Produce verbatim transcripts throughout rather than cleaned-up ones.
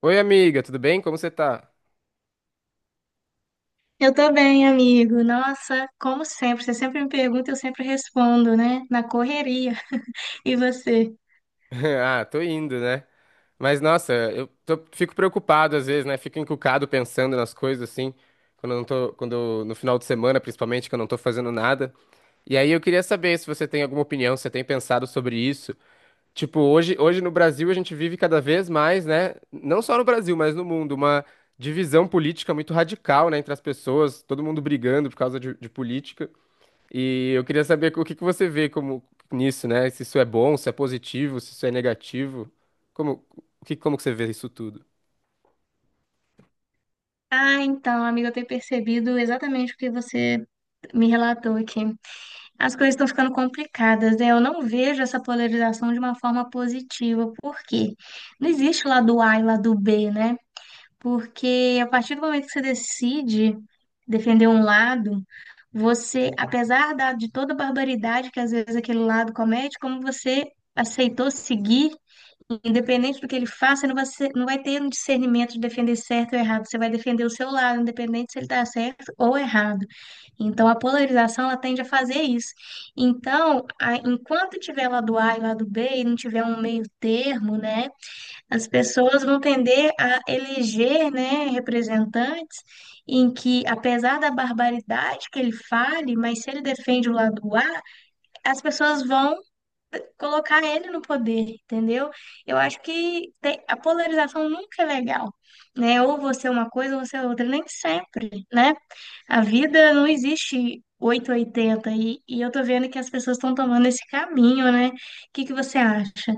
Oi, amiga, tudo bem? Como você tá? Eu tô bem, amigo. Nossa, como sempre, você sempre me pergunta, eu sempre respondo, né? Na correria. E você? Ah, tô indo, né? Mas nossa, eu tô- fico preocupado às vezes, né? Fico encucado pensando nas coisas assim, quando eu não tô, quando no final de semana, principalmente, que eu não tô fazendo nada. E aí eu queria saber se você tem alguma opinião, se você tem pensado sobre isso. Tipo, hoje, hoje no Brasil a gente vive cada vez mais, né? Não só no Brasil, mas no mundo, uma divisão política muito radical, né, entre as pessoas, todo mundo brigando por causa de de política. E eu queria saber o que que você vê como nisso, né? Se isso é bom, se é positivo, se isso é negativo. Como, o que, como que você vê isso tudo? Ah, então, amigo, eu tenho percebido exatamente o que você me relatou aqui. As coisas estão ficando complicadas, né? Eu não vejo essa polarização de uma forma positiva, porque não existe o lado A e o lado B, né? Porque a partir do momento que você decide defender um lado, você, apesar da, de toda a barbaridade que às vezes aquele lado comete, como você aceitou seguir, independente do que ele faça, você não vai, ser- não vai ter um discernimento de defender certo ou errado. Você vai defender o seu lado, independente se ele está certo ou errado. Então, a polarização, ela tende a fazer isso. Então, a- enquanto tiver lado A e lado B e não tiver um meio termo, né? As pessoas vão tender a eleger, né, representantes em que, apesar da barbaridade que ele fale, mas se ele defende o lado A, as pessoas vão colocar ele no poder, entendeu? Eu acho que te- a polarização nunca é legal, né? Ou você é uma coisa ou você é outra, nem sempre, né? A vida não existe oitocentos e oitenta e, oitenta e e eu tô vendo que as pessoas estão tomando esse caminho, né? O que que você acha?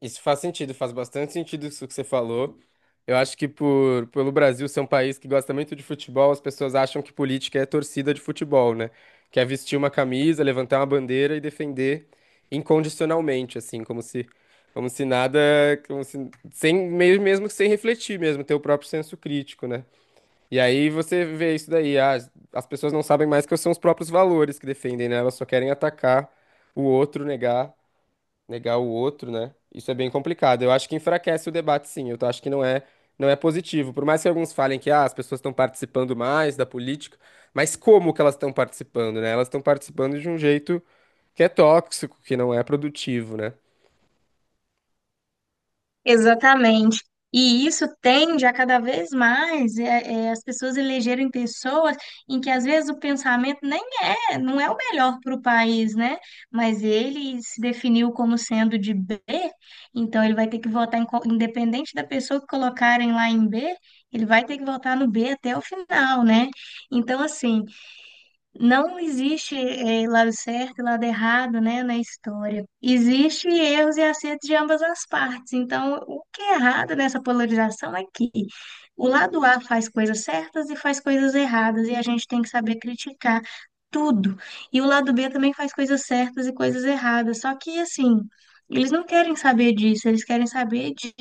Isso faz sentido, faz bastante sentido isso que você falou. Eu acho que por, pelo Brasil ser um país que gosta muito de futebol, as pessoas acham que política é torcida de futebol, né? Que é vestir uma camisa, levantar uma bandeira e defender incondicionalmente, assim, como se, como se nada, como se, sem, meio mesmo que sem refletir mesmo, ter o próprio senso crítico, né? E aí você vê isso daí, ah, as pessoas não sabem mais que são os próprios valores que defendem, né? Elas só querem atacar o outro, negar, negar o outro, né? Isso é bem complicado. Eu acho que enfraquece o debate, sim. Eu tô- acho que não é, não é positivo. Por mais que alguns falem que ah, as pessoas estão participando mais da política, mas como que elas estão participando, né? Elas estão participando de um jeito que é tóxico, que não é produtivo, né? Exatamente. E isso tende a cada vez mais é, é, as pessoas elegerem pessoas em que às vezes o pensamento nem é, não é o melhor para o país, né? Mas ele se definiu como sendo de B, então ele vai ter que votar em qual- independente da pessoa que colocarem lá em B, ele vai ter que votar no B até o final, né? Então, assim, não existe eh, lado certo e lado errado, né, na história. Existe erros e acertos de ambas as partes. Então, o que é errado nessa polarização é que o lado A faz coisas certas e faz coisas erradas, e a gente tem que saber criticar tudo. E o lado B também faz coisas certas e coisas erradas. Só que, assim, eles não querem saber disso, eles querem saber de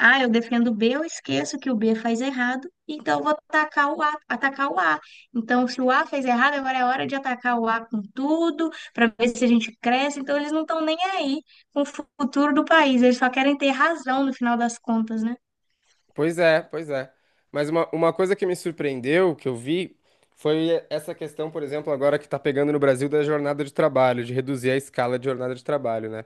ah, eu defendo o B, eu esqueço que o B faz errado, então eu vou atacar o A, atacar o A. Então, se o A fez errado, agora é hora de atacar o A com tudo, para ver se a gente cresce. Então, eles não estão nem aí com o futuro do país, eles só querem ter razão no final das contas, né? Pois é, pois é. Mas uma, uma coisa que me surpreendeu, que eu vi, foi essa questão, por exemplo, agora que está pegando no Brasil da jornada de trabalho, de reduzir a escala de jornada de trabalho, né?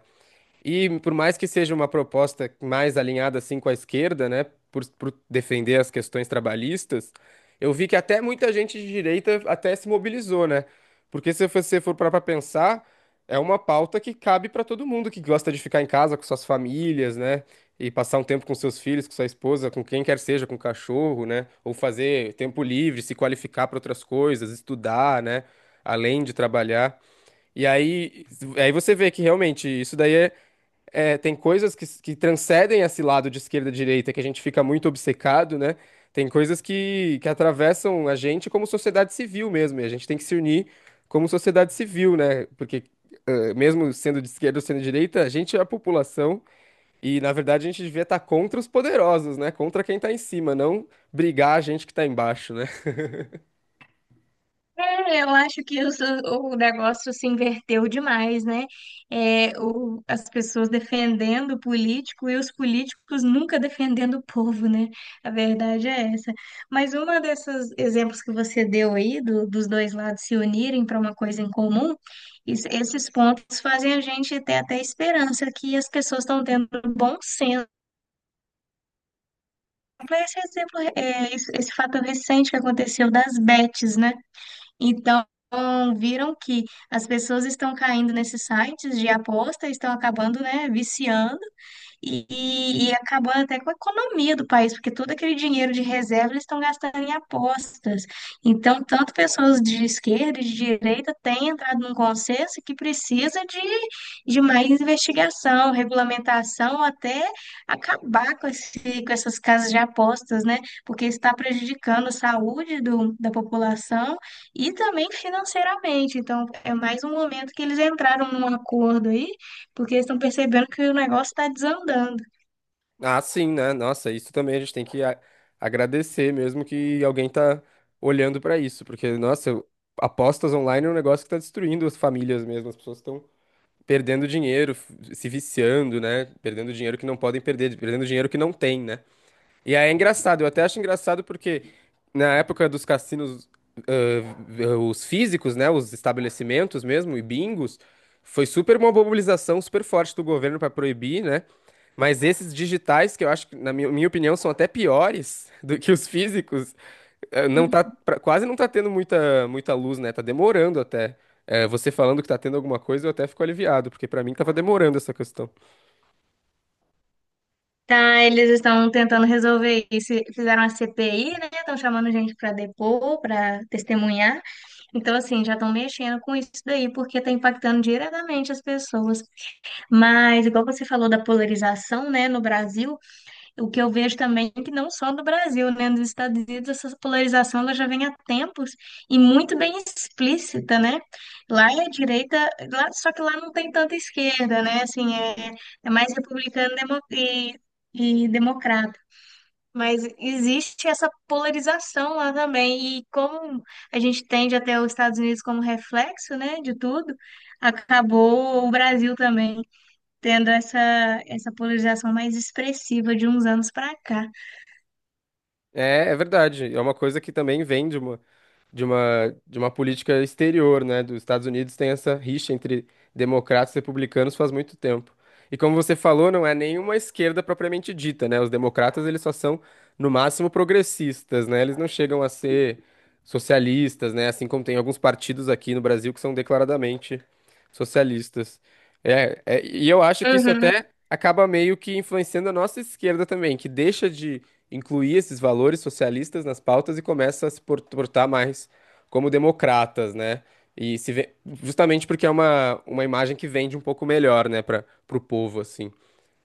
E por mais que seja uma proposta mais alinhada assim com a esquerda, né, por, por defender as questões trabalhistas, eu vi que até muita gente de direita até se mobilizou, né? Porque se você for parar para pensar, é uma pauta que cabe para todo mundo que gosta de ficar em casa com suas famílias, né, e passar um tempo com seus filhos, com sua esposa, com quem quer seja, com o cachorro, né, ou fazer tempo livre, se qualificar para outras coisas, estudar, né, além de trabalhar. E aí, aí você vê que realmente isso daí é é, tem coisas que, que transcendem esse lado de esquerda e direita que a gente fica muito obcecado, né? Tem coisas que, que atravessam a gente como sociedade civil mesmo, e a gente tem que se unir como sociedade civil, né? Porque eh, mesmo sendo de esquerda ou sendo de direita, a gente é a população e, na verdade, a gente devia estar contra os poderosos, né? Contra quem tá em cima, não brigar a gente que tá embaixo, né? É, eu acho que o, seu- o negócio se inverteu demais, né? É, o- as pessoas defendendo o político e os políticos nunca defendendo o povo, né? A verdade é essa. Mas uma desses exemplos que você deu aí, do- dos dois lados se unirem para uma coisa em comum, isso- esses pontos fazem a gente ter até esperança que as pessoas estão tendo bom senso. Pra Esse exemplo, é, esse, esse fato recente que aconteceu das bets, né? Então, viram que as pessoas estão caindo nesses sites de aposta, estão acabando, né, viciando e, e acabando até com a economia do país, porque todo aquele dinheiro de reserva eles estão gastando em apostas. Então, tanto pessoas de esquerda e de direita têm entrado num consenso que precisa de, de mais investigação, regulamentação, até acabar com esse, com essas casas de apostas, né? Porque está prejudicando a saúde do, da população e também financeiramente. Então, é mais um momento que eles entraram num acordo aí porque eles estão percebendo que o negócio está desandando. Ah, sim, né? Nossa, isso também a gente tem que a- agradecer mesmo que alguém tá olhando pra isso, porque, nossa, eu- apostas online é um negócio que tá destruindo as famílias mesmo, as pessoas estão perdendo dinheiro, f- se viciando, né? Perdendo dinheiro que não podem perder, perdendo dinheiro que não tem, né? E aí é engraçado, eu até acho engraçado porque na época dos cassinos, ãh, os físicos, né, os estabelecimentos mesmo, e bingos, foi super uma mobilização super forte do governo para proibir, né? Mas esses digitais, que eu acho que, na minha, minha opinião, são até piores do que os físicos, eh, não tá, Hum. pra- quase não tá tendo muita, muita luz, né? Tá demorando até. Eh, você falando que tá tendo alguma coisa, eu até fico aliviado, porque para mim tava demorando essa questão. Tá, eles estão tentando resolver isso. Fizeram a C P I, né? Estão chamando gente para depor, para testemunhar. Então, assim, já estão mexendo com isso daí, porque está impactando diretamente as pessoas. Mas, igual você falou da polarização, né, no Brasil, o que eu vejo também é que não só no Brasil, né? Nos Estados Unidos essa polarização ela já vem há tempos e muito bem explícita, né? Lá é a direita, lá, só que lá não tem tanta esquerda, né? Assim, é, é mais republicano demo- e, e democrata. Mas existe essa polarização lá também. E como a gente tende até os Estados Unidos como reflexo, né, de tudo, acabou o Brasil também tendo essa, essa polarização mais expressiva de uns anos para cá. É, é verdade. É uma coisa que também vende. De uma, de uma política exterior, né, dos Estados Unidos, tem essa rixa entre democratas e republicanos faz muito tempo. E como você falou, não é nenhuma esquerda propriamente dita, né? Os democratas, eles só são, no máximo, progressistas, né? Eles não chegam a ser socialistas, né? Assim como tem alguns partidos aqui no Brasil que são declaradamente socialistas. É, é, e eu acho que isso Uhum, até acaba meio que influenciando a nossa esquerda também, que deixa de incluir esses valores socialistas nas pautas e começa a se por- portar mais como democratas, né? E se vê, justamente porque é uma, uma imagem que vende um pouco melhor, né, para o povo, assim.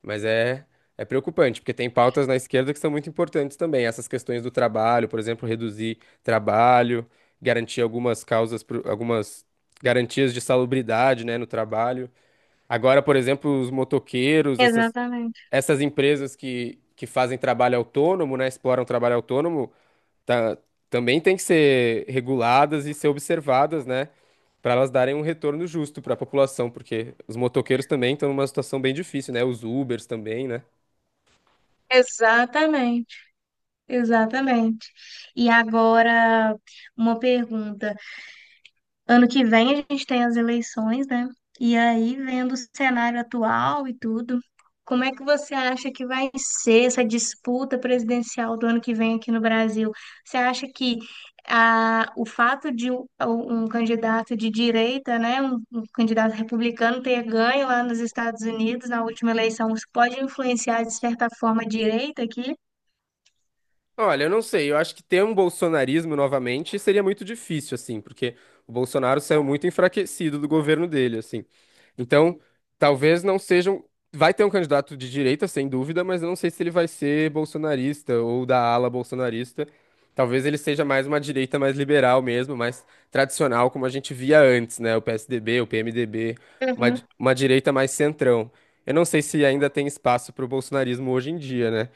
Mas é, é preocupante, porque tem pautas na esquerda que são muito importantes também. Essas questões do trabalho, por exemplo, reduzir trabalho, garantir algumas causas, pro- algumas garantias de salubridade, né, no trabalho. Agora, por exemplo, os motoqueiros, essas exatamente, essas empresas que, que fazem trabalho autônomo, né, exploram trabalho autônomo, tá, também tem que ser reguladas e ser observadas, né, para elas darem um retorno justo para a população, porque os motoqueiros também estão numa situação bem difícil, né, os Ubers também, né. exatamente, exatamente. E agora, uma pergunta. Ano que vem a gente tem as eleições, né? E aí, vendo o cenário atual e tudo, como é que você acha que vai ser essa disputa presidencial do ano que vem aqui no Brasil? Você acha que ah, o fato de um, um candidato de direita, né, um, um candidato republicano ter ganho lá nos Estados Unidos na última eleição, isso pode influenciar de certa forma a direita aqui? Olha, eu não sei, eu acho que ter um bolsonarismo novamente seria muito difícil, assim, porque o Bolsonaro saiu muito enfraquecido do governo dele, assim. Então, talvez não sejam. Vai ter um candidato de direita, sem dúvida, mas eu não sei se ele vai ser bolsonarista ou da ala bolsonarista. Talvez ele seja mais uma direita mais liberal mesmo, mais tradicional, como a gente via antes, né? O P S D B, o P M D B, uma, Uhum. uma direita mais centrão. Eu não sei se ainda tem espaço para o bolsonarismo hoje em dia, né?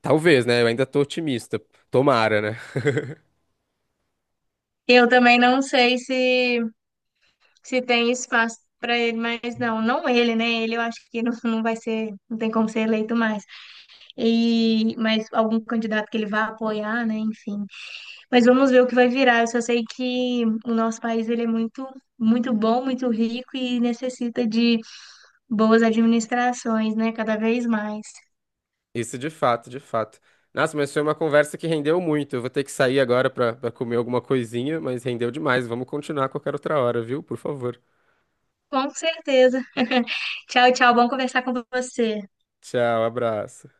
Talvez, né? Eu ainda tô otimista. Tomara, né? Eu também não sei se se tem espaço para ele, mas não, não ele, né? Ele eu acho que não, não vai ser, não tem como ser eleito mais. E mas algum candidato que ele vá apoiar, né? Enfim. Mas vamos ver o que vai virar. Eu só sei que o nosso país ele é muito, muito bom, muito rico e necessita de boas administrações, né? Cada vez mais. Isso de fato, de fato. Nossa, mas foi uma conversa que rendeu muito. Eu vou ter que sair agora pra, pra comer alguma coisinha, mas rendeu demais. Vamos continuar a qualquer outra hora, viu? Por favor. Com certeza. Tchau, tchau. Bom conversar com você. Tchau, abraço.